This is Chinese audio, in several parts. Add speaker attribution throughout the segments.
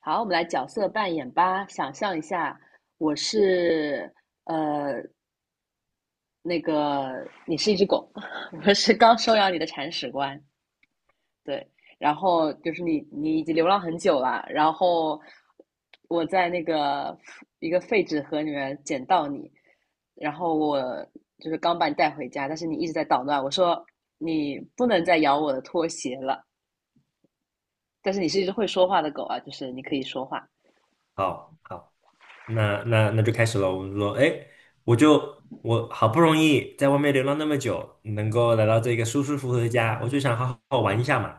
Speaker 1: 好，我们来角色扮演吧。想象一下，我是呃你是一只狗，我是刚收养你的铲屎官，对。然后就是你已经流浪很久了，然后我在一个废纸盒里面捡到你，然后我就是刚把你带回家，但是你一直在捣乱。我说你不能再咬我的拖鞋了，但是你是一只会说话的狗啊，就是你可以说话。
Speaker 2: 好好，那就开始了。我们说，哎，我好不容易在外面流浪那么久，能够来到这个舒舒服服的家，我就想好好玩一下嘛。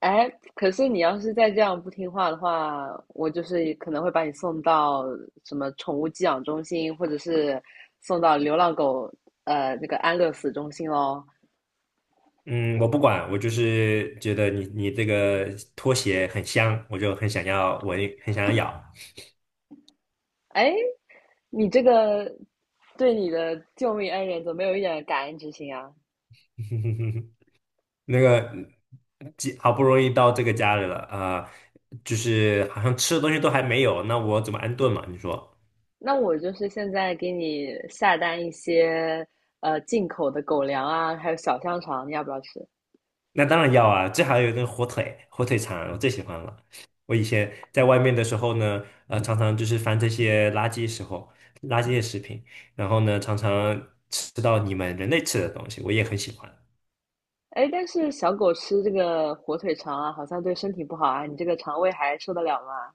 Speaker 1: 哎，可是你要是再这样不听话的话，我就是可能会把你送到什么宠物寄养中心，或者是送到流浪狗安乐死中心喽。
Speaker 2: 嗯，我不管，我就是觉得你这个拖鞋很香，我就很想要闻，很想要咬。
Speaker 1: 哎，你这个对你的救命恩人怎么没有一点感恩之心啊？
Speaker 2: 那个好不容易到这个家里了啊，就是好像吃的东西都还没有，那我怎么安顿嘛？你说？
Speaker 1: 那我就是现在给你下单一些进口的狗粮啊，还有小香肠，你要不要吃？
Speaker 2: 那当然要啊，这还有那个火腿，火腿肠我最喜欢了。我以前在外面的时候呢，常常就是翻这些垃圾时候，垃圾的食品，然后呢，常常吃到你们人类吃的东西，我也很喜欢，
Speaker 1: 哎，但是小狗吃这个火腿肠啊，好像对身体不好啊，你这个肠胃还受得了吗？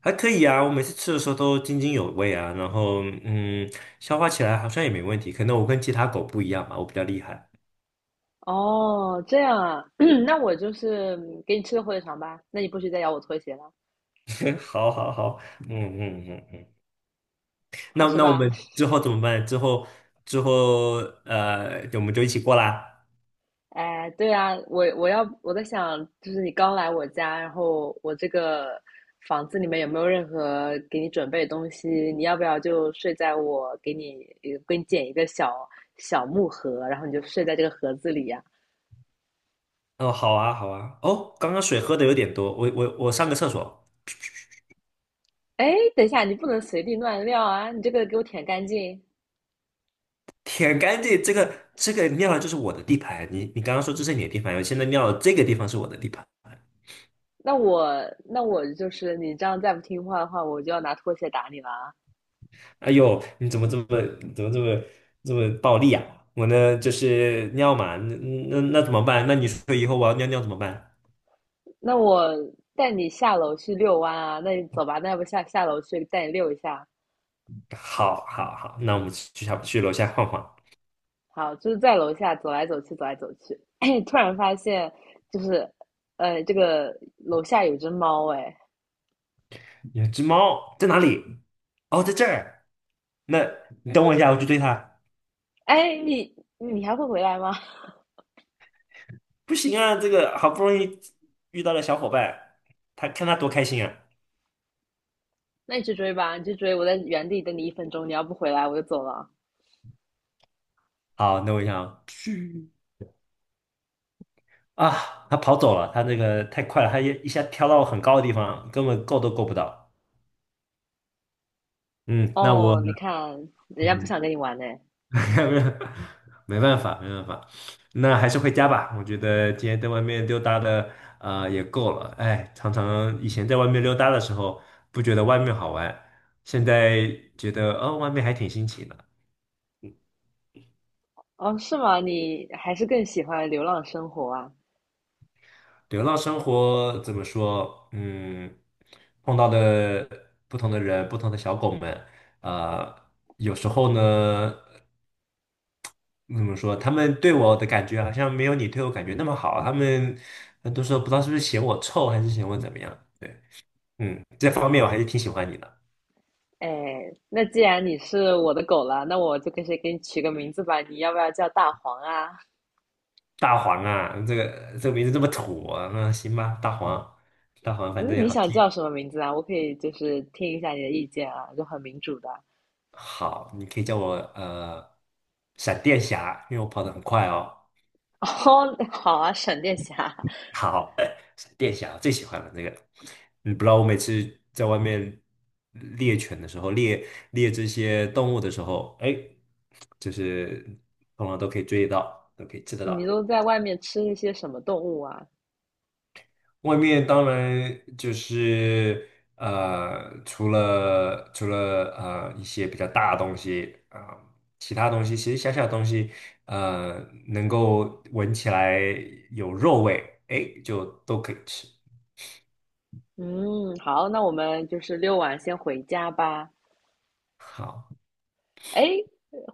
Speaker 2: 还可以啊。我每次吃的时候都津津有味啊，然后嗯，消化起来好像也没问题。可能我跟其他狗不一样吧，我比较厉害。
Speaker 1: 哦，这样啊，那我就是给你吃个火腿肠吧。那你不许再咬我拖鞋了，
Speaker 2: 好好好，嗯嗯嗯嗯，
Speaker 1: 好
Speaker 2: 那
Speaker 1: 吃
Speaker 2: 那我
Speaker 1: 吧？
Speaker 2: 们 之后怎么办？之后我们就一起过啦。
Speaker 1: 哎，对啊，我在想，就是你刚来我家，然后我这个房子里面有没有任何给你准备的东西？你要不要就睡在我给你捡一个小小木盒，然后你就睡在这个盒子里呀、
Speaker 2: 哦，好啊，好啊。哦，刚刚水喝的有点多，我上个厕所，
Speaker 1: 哎，等一下，你不能随地乱尿啊！你这个给我舔干净。
Speaker 2: 舔干净。这个尿了就是我的地盘，你刚刚说这是你的地盘，我现在尿了这个地方是我的地盘。
Speaker 1: 那我那我就是你这样再不听话的话，我就要拿拖鞋打你了啊。
Speaker 2: 哎呦，你怎么这么怎么这么这么暴力啊？我呢就是尿嘛，那怎么办？那你说以后我要尿尿怎么办？
Speaker 1: 那我带你下楼去遛弯啊，那你走吧，那要不下楼去带你遛一下？
Speaker 2: 好，好，好，那我们去下去楼下晃晃。
Speaker 1: 好，就是在楼下走来走去，走来走去，突然发现就是，这个楼下有只猫，哎，
Speaker 2: 有只猫在哪里？哦，在这儿。那你等我一下，我去追它。
Speaker 1: 哎，你还会回来吗？
Speaker 2: 不行啊，这个好不容易遇到了小伙伴，他看他多开心啊！
Speaker 1: 那你去追吧，你去追，我在原地等你一分钟，你要不回来我就走了。
Speaker 2: 好，那我想啊，他跑走了，他那个太快了，他一下跳到很高的地方，根本够都够不到。嗯，那我
Speaker 1: 哦，你看人家不
Speaker 2: 嗯，
Speaker 1: 想跟你玩呢。
Speaker 2: 没办法，没办法，那还是回家吧。我觉得今天在外面溜达的也够了。哎，常常以前在外面溜达的时候，不觉得外面好玩，现在觉得哦，外面还挺新奇的。
Speaker 1: 哦，是吗？你还是更喜欢流浪生活啊？
Speaker 2: 流浪生活怎么说？嗯，碰到的不同的人，不同的小狗们，呃，有时候呢，怎么说？他们对我的感觉好像没有你对我感觉那么好。他们很多时候不知道是不是嫌我臭，还是嫌我怎么样？对，嗯，这方面我还是挺喜欢你的，
Speaker 1: 哎，那既然你是我的狗了，那我就给你取个名字吧？你要不要叫大黄啊？
Speaker 2: 大黄啊，这个名字这么土啊，那行吧，大黄，大黄，反
Speaker 1: 那
Speaker 2: 正也
Speaker 1: 你
Speaker 2: 好
Speaker 1: 想
Speaker 2: 记。
Speaker 1: 叫什么名字啊？我可以就是听一下你的意见啊，就很民主的。
Speaker 2: 好，你可以叫我闪电侠，因为我跑得很快哦。
Speaker 1: 哦，好啊，闪电侠，
Speaker 2: 好，闪电侠最喜欢了那个，你不知道我每次在外面猎犬的时候，猎这些动物的时候，哎，就是通常都可以追得到，都可以吃得
Speaker 1: 你
Speaker 2: 到。
Speaker 1: 都在外面吃一些什么动物啊？
Speaker 2: 外面当然就是呃，除了一些比较大的东西啊、呃其他东西其实小小的东西，呃，能够闻起来有肉味，哎，就都可以吃。
Speaker 1: 嗯，好，那我们就是遛完先回家吧。
Speaker 2: 好，
Speaker 1: 哎，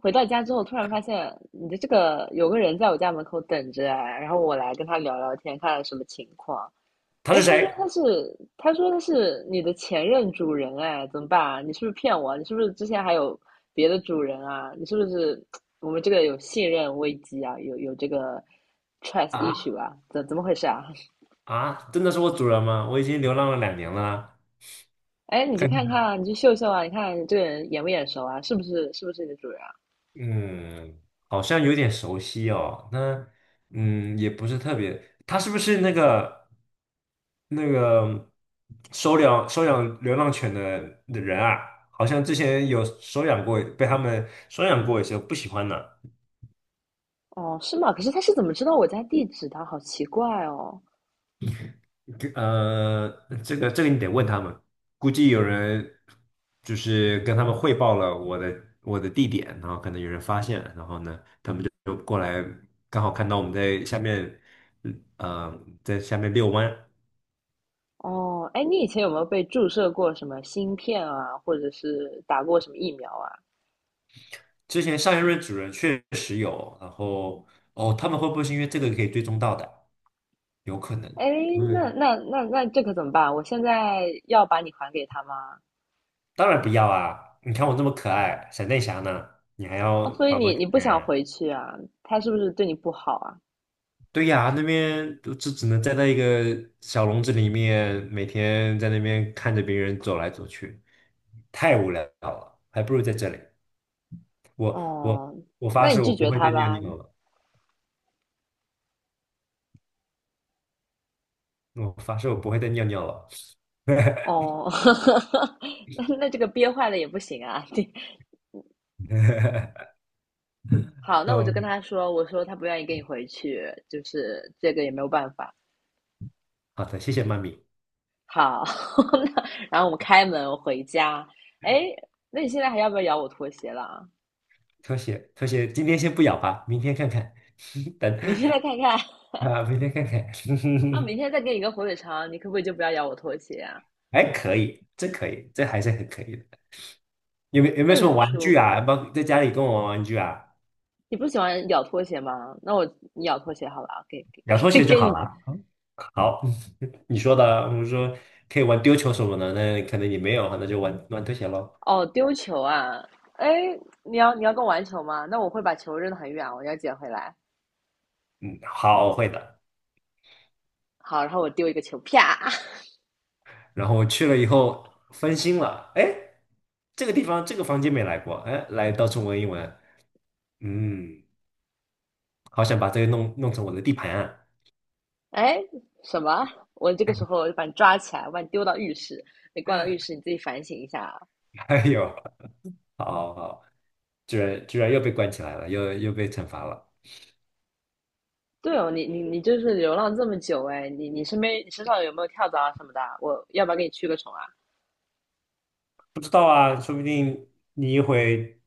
Speaker 1: 回到家之后，突然发现你的这个有个人在我家门口等着啊，然后我来跟他聊聊天，看看什么情况。
Speaker 2: 他
Speaker 1: 哎，
Speaker 2: 是谁？
Speaker 1: 他说他是你的前任主人，哎，怎么办啊？你是不是骗我啊，你是不是之前还有别的主人啊？你是不是 我们这个有信任危机啊？有这个 trust
Speaker 2: 啊
Speaker 1: issue 啊？怎么回事啊？
Speaker 2: 啊！真的是我主人吗？我已经流浪了两年了。
Speaker 1: 哎，你去看看啊，你去秀秀啊，你看这个人眼不眼熟啊？是不是你的主人啊？
Speaker 2: 嗯，好像有点熟悉哦。那嗯，也不是特别。他是不是那个收养流浪犬的的人啊？好像之前有收养过，被他们收养过一些，不喜欢呢。
Speaker 1: 哦，是吗？可是他是怎么知道我家地址的？好奇怪哦。
Speaker 2: 呃，这个你得问他们，估计有人就是跟他们汇报了我的地点，然后可能有人发现，然后呢，他们就过来，刚好看到我们在下面，嗯呃，在下面遛弯。
Speaker 1: 哦，哎，你以前有没有被注射过什么芯片啊，或者是打过什么疫苗啊？
Speaker 2: 之前上一任主人确实有，然后哦，他们会不会是因为这个可以追踪到的？有可能，
Speaker 1: 哎，
Speaker 2: 他
Speaker 1: 那
Speaker 2: 们
Speaker 1: 那那那这可怎么办？我现在要把你还给他吗？
Speaker 2: 当然不要啊！你看我这么可爱，闪电侠呢，你还要
Speaker 1: 哦，所以
Speaker 2: 把我
Speaker 1: 你
Speaker 2: 怎
Speaker 1: 不
Speaker 2: 么
Speaker 1: 想
Speaker 2: 样？
Speaker 1: 回去啊？他是不是对你不好啊？
Speaker 2: 对呀，那边就只能站在一个小笼子里面，每天在那边看着别人走来走去，太无聊了，还不如在这里。我
Speaker 1: 哦，
Speaker 2: 我
Speaker 1: 那
Speaker 2: 发
Speaker 1: 你
Speaker 2: 誓，我
Speaker 1: 拒
Speaker 2: 不
Speaker 1: 绝
Speaker 2: 会
Speaker 1: 他
Speaker 2: 再尿
Speaker 1: 吧。
Speaker 2: 尿了。我发誓，我不会再尿尿了。
Speaker 1: 哦，那那这个憋坏了也不行啊。对，好，那我就跟
Speaker 2: 嗯，
Speaker 1: 他说，我说他不愿意跟你回去，就是这个也没有办法。
Speaker 2: 好的，谢谢妈咪，
Speaker 1: 好，那然后我们开门，我回家。哎，那你现在还要不要咬我拖鞋了啊？
Speaker 2: 拖鞋拖鞋，今天先不咬吧，明天看看，等
Speaker 1: 明天再看看。
Speaker 2: 啊，明天看看，
Speaker 1: 那明天 再给你一个火腿肠，你可不可以就不要咬我拖鞋啊？
Speaker 2: 还可以，这可以，这还是很可以的。有没
Speaker 1: 那
Speaker 2: 有什么
Speaker 1: 你
Speaker 2: 玩具
Speaker 1: 出，
Speaker 2: 啊？包括在家里跟我玩玩具啊？
Speaker 1: 你不喜欢咬拖鞋吗？那我你咬拖鞋好了啊，
Speaker 2: 两拖
Speaker 1: 给
Speaker 2: 鞋 就
Speaker 1: 给
Speaker 2: 好
Speaker 1: 你
Speaker 2: 了。好，你说的啊我说可以玩丢球什么的，那可能你没有，那就玩玩拖鞋喽。
Speaker 1: 哦，丢球啊！哎，你要跟我玩球吗？那我会把球扔得很远，我要捡回来。
Speaker 2: 嗯好，我会的。
Speaker 1: 好，然后我丢一个球，啪！
Speaker 2: 然后我去了以后分心了，哎，这个地方这个房间没来过，哎，来到处闻一闻，嗯，好想把这个弄成我的地盘啊。
Speaker 1: 哎，什么？我这个时候就把你抓起来，我把你丢到浴室。你挂到浴室，你自己反省一下啊。
Speaker 2: 哎呦，好好好，居然又被关起来了，又被惩罚了。
Speaker 1: 对哦，你就是流浪这么久哎，你身上有没有跳蚤啊什么的啊，我要不要给你驱个虫啊？
Speaker 2: 不知道啊，说不定你一回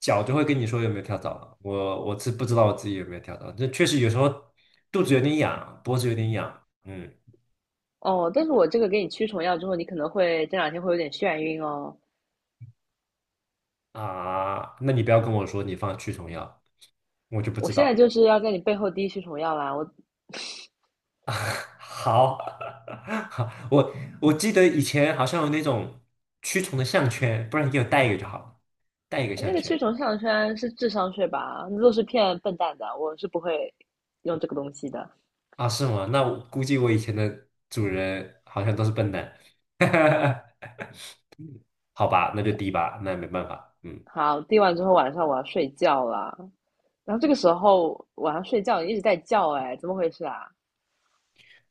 Speaker 2: 脚就会跟你说有没有跳蚤了。我是不知道我自己有没有跳蚤，这确实有时候肚子有点痒，脖子有点痒，嗯
Speaker 1: 哦，但是我这个给你驱虫药之后，你可能会这两天会有点眩晕哦。
Speaker 2: 啊，那你不要跟我说你放驱虫药，我就不
Speaker 1: 我
Speaker 2: 知
Speaker 1: 现在就
Speaker 2: 道。
Speaker 1: 是要在你背后滴驱虫药啦！
Speaker 2: 好，好，我记得以前好像有那种驱虫的项圈，不然你给我带一个就好了，带一个
Speaker 1: 那
Speaker 2: 项
Speaker 1: 个
Speaker 2: 圈
Speaker 1: 驱虫项圈是智商税吧？那都是骗笨蛋的，我是不会用这个东西的。
Speaker 2: 啊？是吗？那我估计我以前的主人好像都是笨蛋。好吧，那就低吧，那也没办法，嗯，
Speaker 1: 好，滴完之后晚上我要睡觉了。然后这个时候晚上睡觉你一直在叫，哎，怎么回事啊？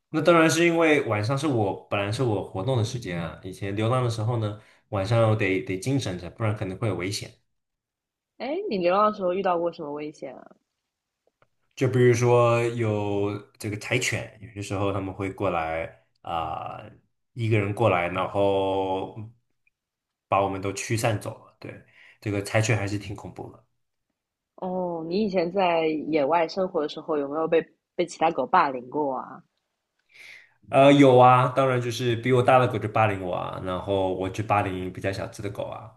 Speaker 2: 那当然是因为晚上是我本来是我活动的时间啊，以前流浪的时候呢，晚上我得精神着，不然可能会有危险。
Speaker 1: 哎，你流浪的时候遇到过什么危险啊？
Speaker 2: 就比如说有这个柴犬，有些时候他们会过来啊、一个人过来，然后把我们都驱散走了。对，这个柴犬还是挺恐怖的。
Speaker 1: 哦，你以前在野外生活的时候有没有被其他狗霸凌过啊？
Speaker 2: 呃，有啊，当然就是比我大的狗就霸凌我啊，然后我去霸凌比较小只的狗啊。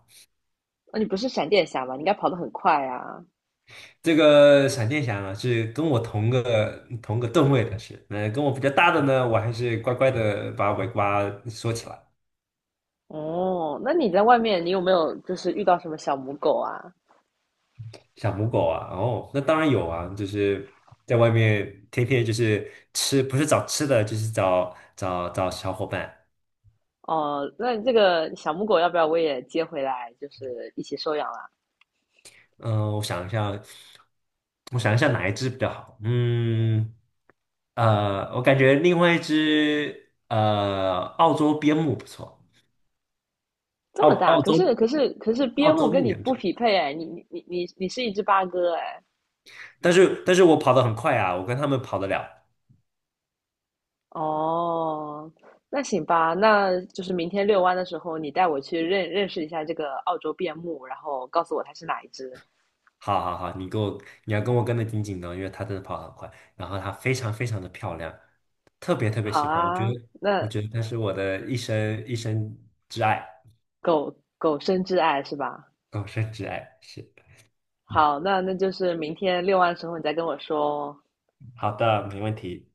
Speaker 1: 那、你不是闪电侠吗？你应该跑得很快啊。
Speaker 2: 这个闪电侠呢是跟我同个段位的是，那跟我比较大的呢，我还是乖乖的把尾巴缩起来。
Speaker 1: 哦，那你在外面有没有就是遇到什么小母狗啊？
Speaker 2: 小母狗啊，哦，那当然有啊，就是在外面天天就是吃，不是找吃的，就是找找小伙伴。
Speaker 1: 哦，那这个小母狗要不要我也接回来，就是一起收养啦？
Speaker 2: 嗯、我想一下，我想一下哪一只比较好？嗯，呃，我感觉另外一只呃澳洲边牧不错，
Speaker 1: 这
Speaker 2: 澳
Speaker 1: 么大，
Speaker 2: 澳
Speaker 1: 可是
Speaker 2: 洲澳
Speaker 1: 边牧
Speaker 2: 洲
Speaker 1: 跟
Speaker 2: 牧
Speaker 1: 你
Speaker 2: 羊
Speaker 1: 不
Speaker 2: 犬。
Speaker 1: 匹配哎，你你是一只八哥哎。
Speaker 2: 但是我跑得很快啊，我跟他们跑得了。
Speaker 1: 哦，那行吧，那就是明天遛弯的时候，你带我去认识一下这个澳洲边牧，然后告诉我它是哪一只。
Speaker 2: 好好好，你要跟我跟得紧紧的，因为他真的跑得很快，然后他非常非常的漂亮，特别特别
Speaker 1: 好
Speaker 2: 喜欢。
Speaker 1: 啊，
Speaker 2: 我
Speaker 1: 那
Speaker 2: 觉得他是我的一生挚爱，
Speaker 1: 狗狗生挚爱是吧？
Speaker 2: 终身挚爱。是，
Speaker 1: 好，那那就是明天遛弯的时候你再跟我说哦
Speaker 2: 好的，没问题。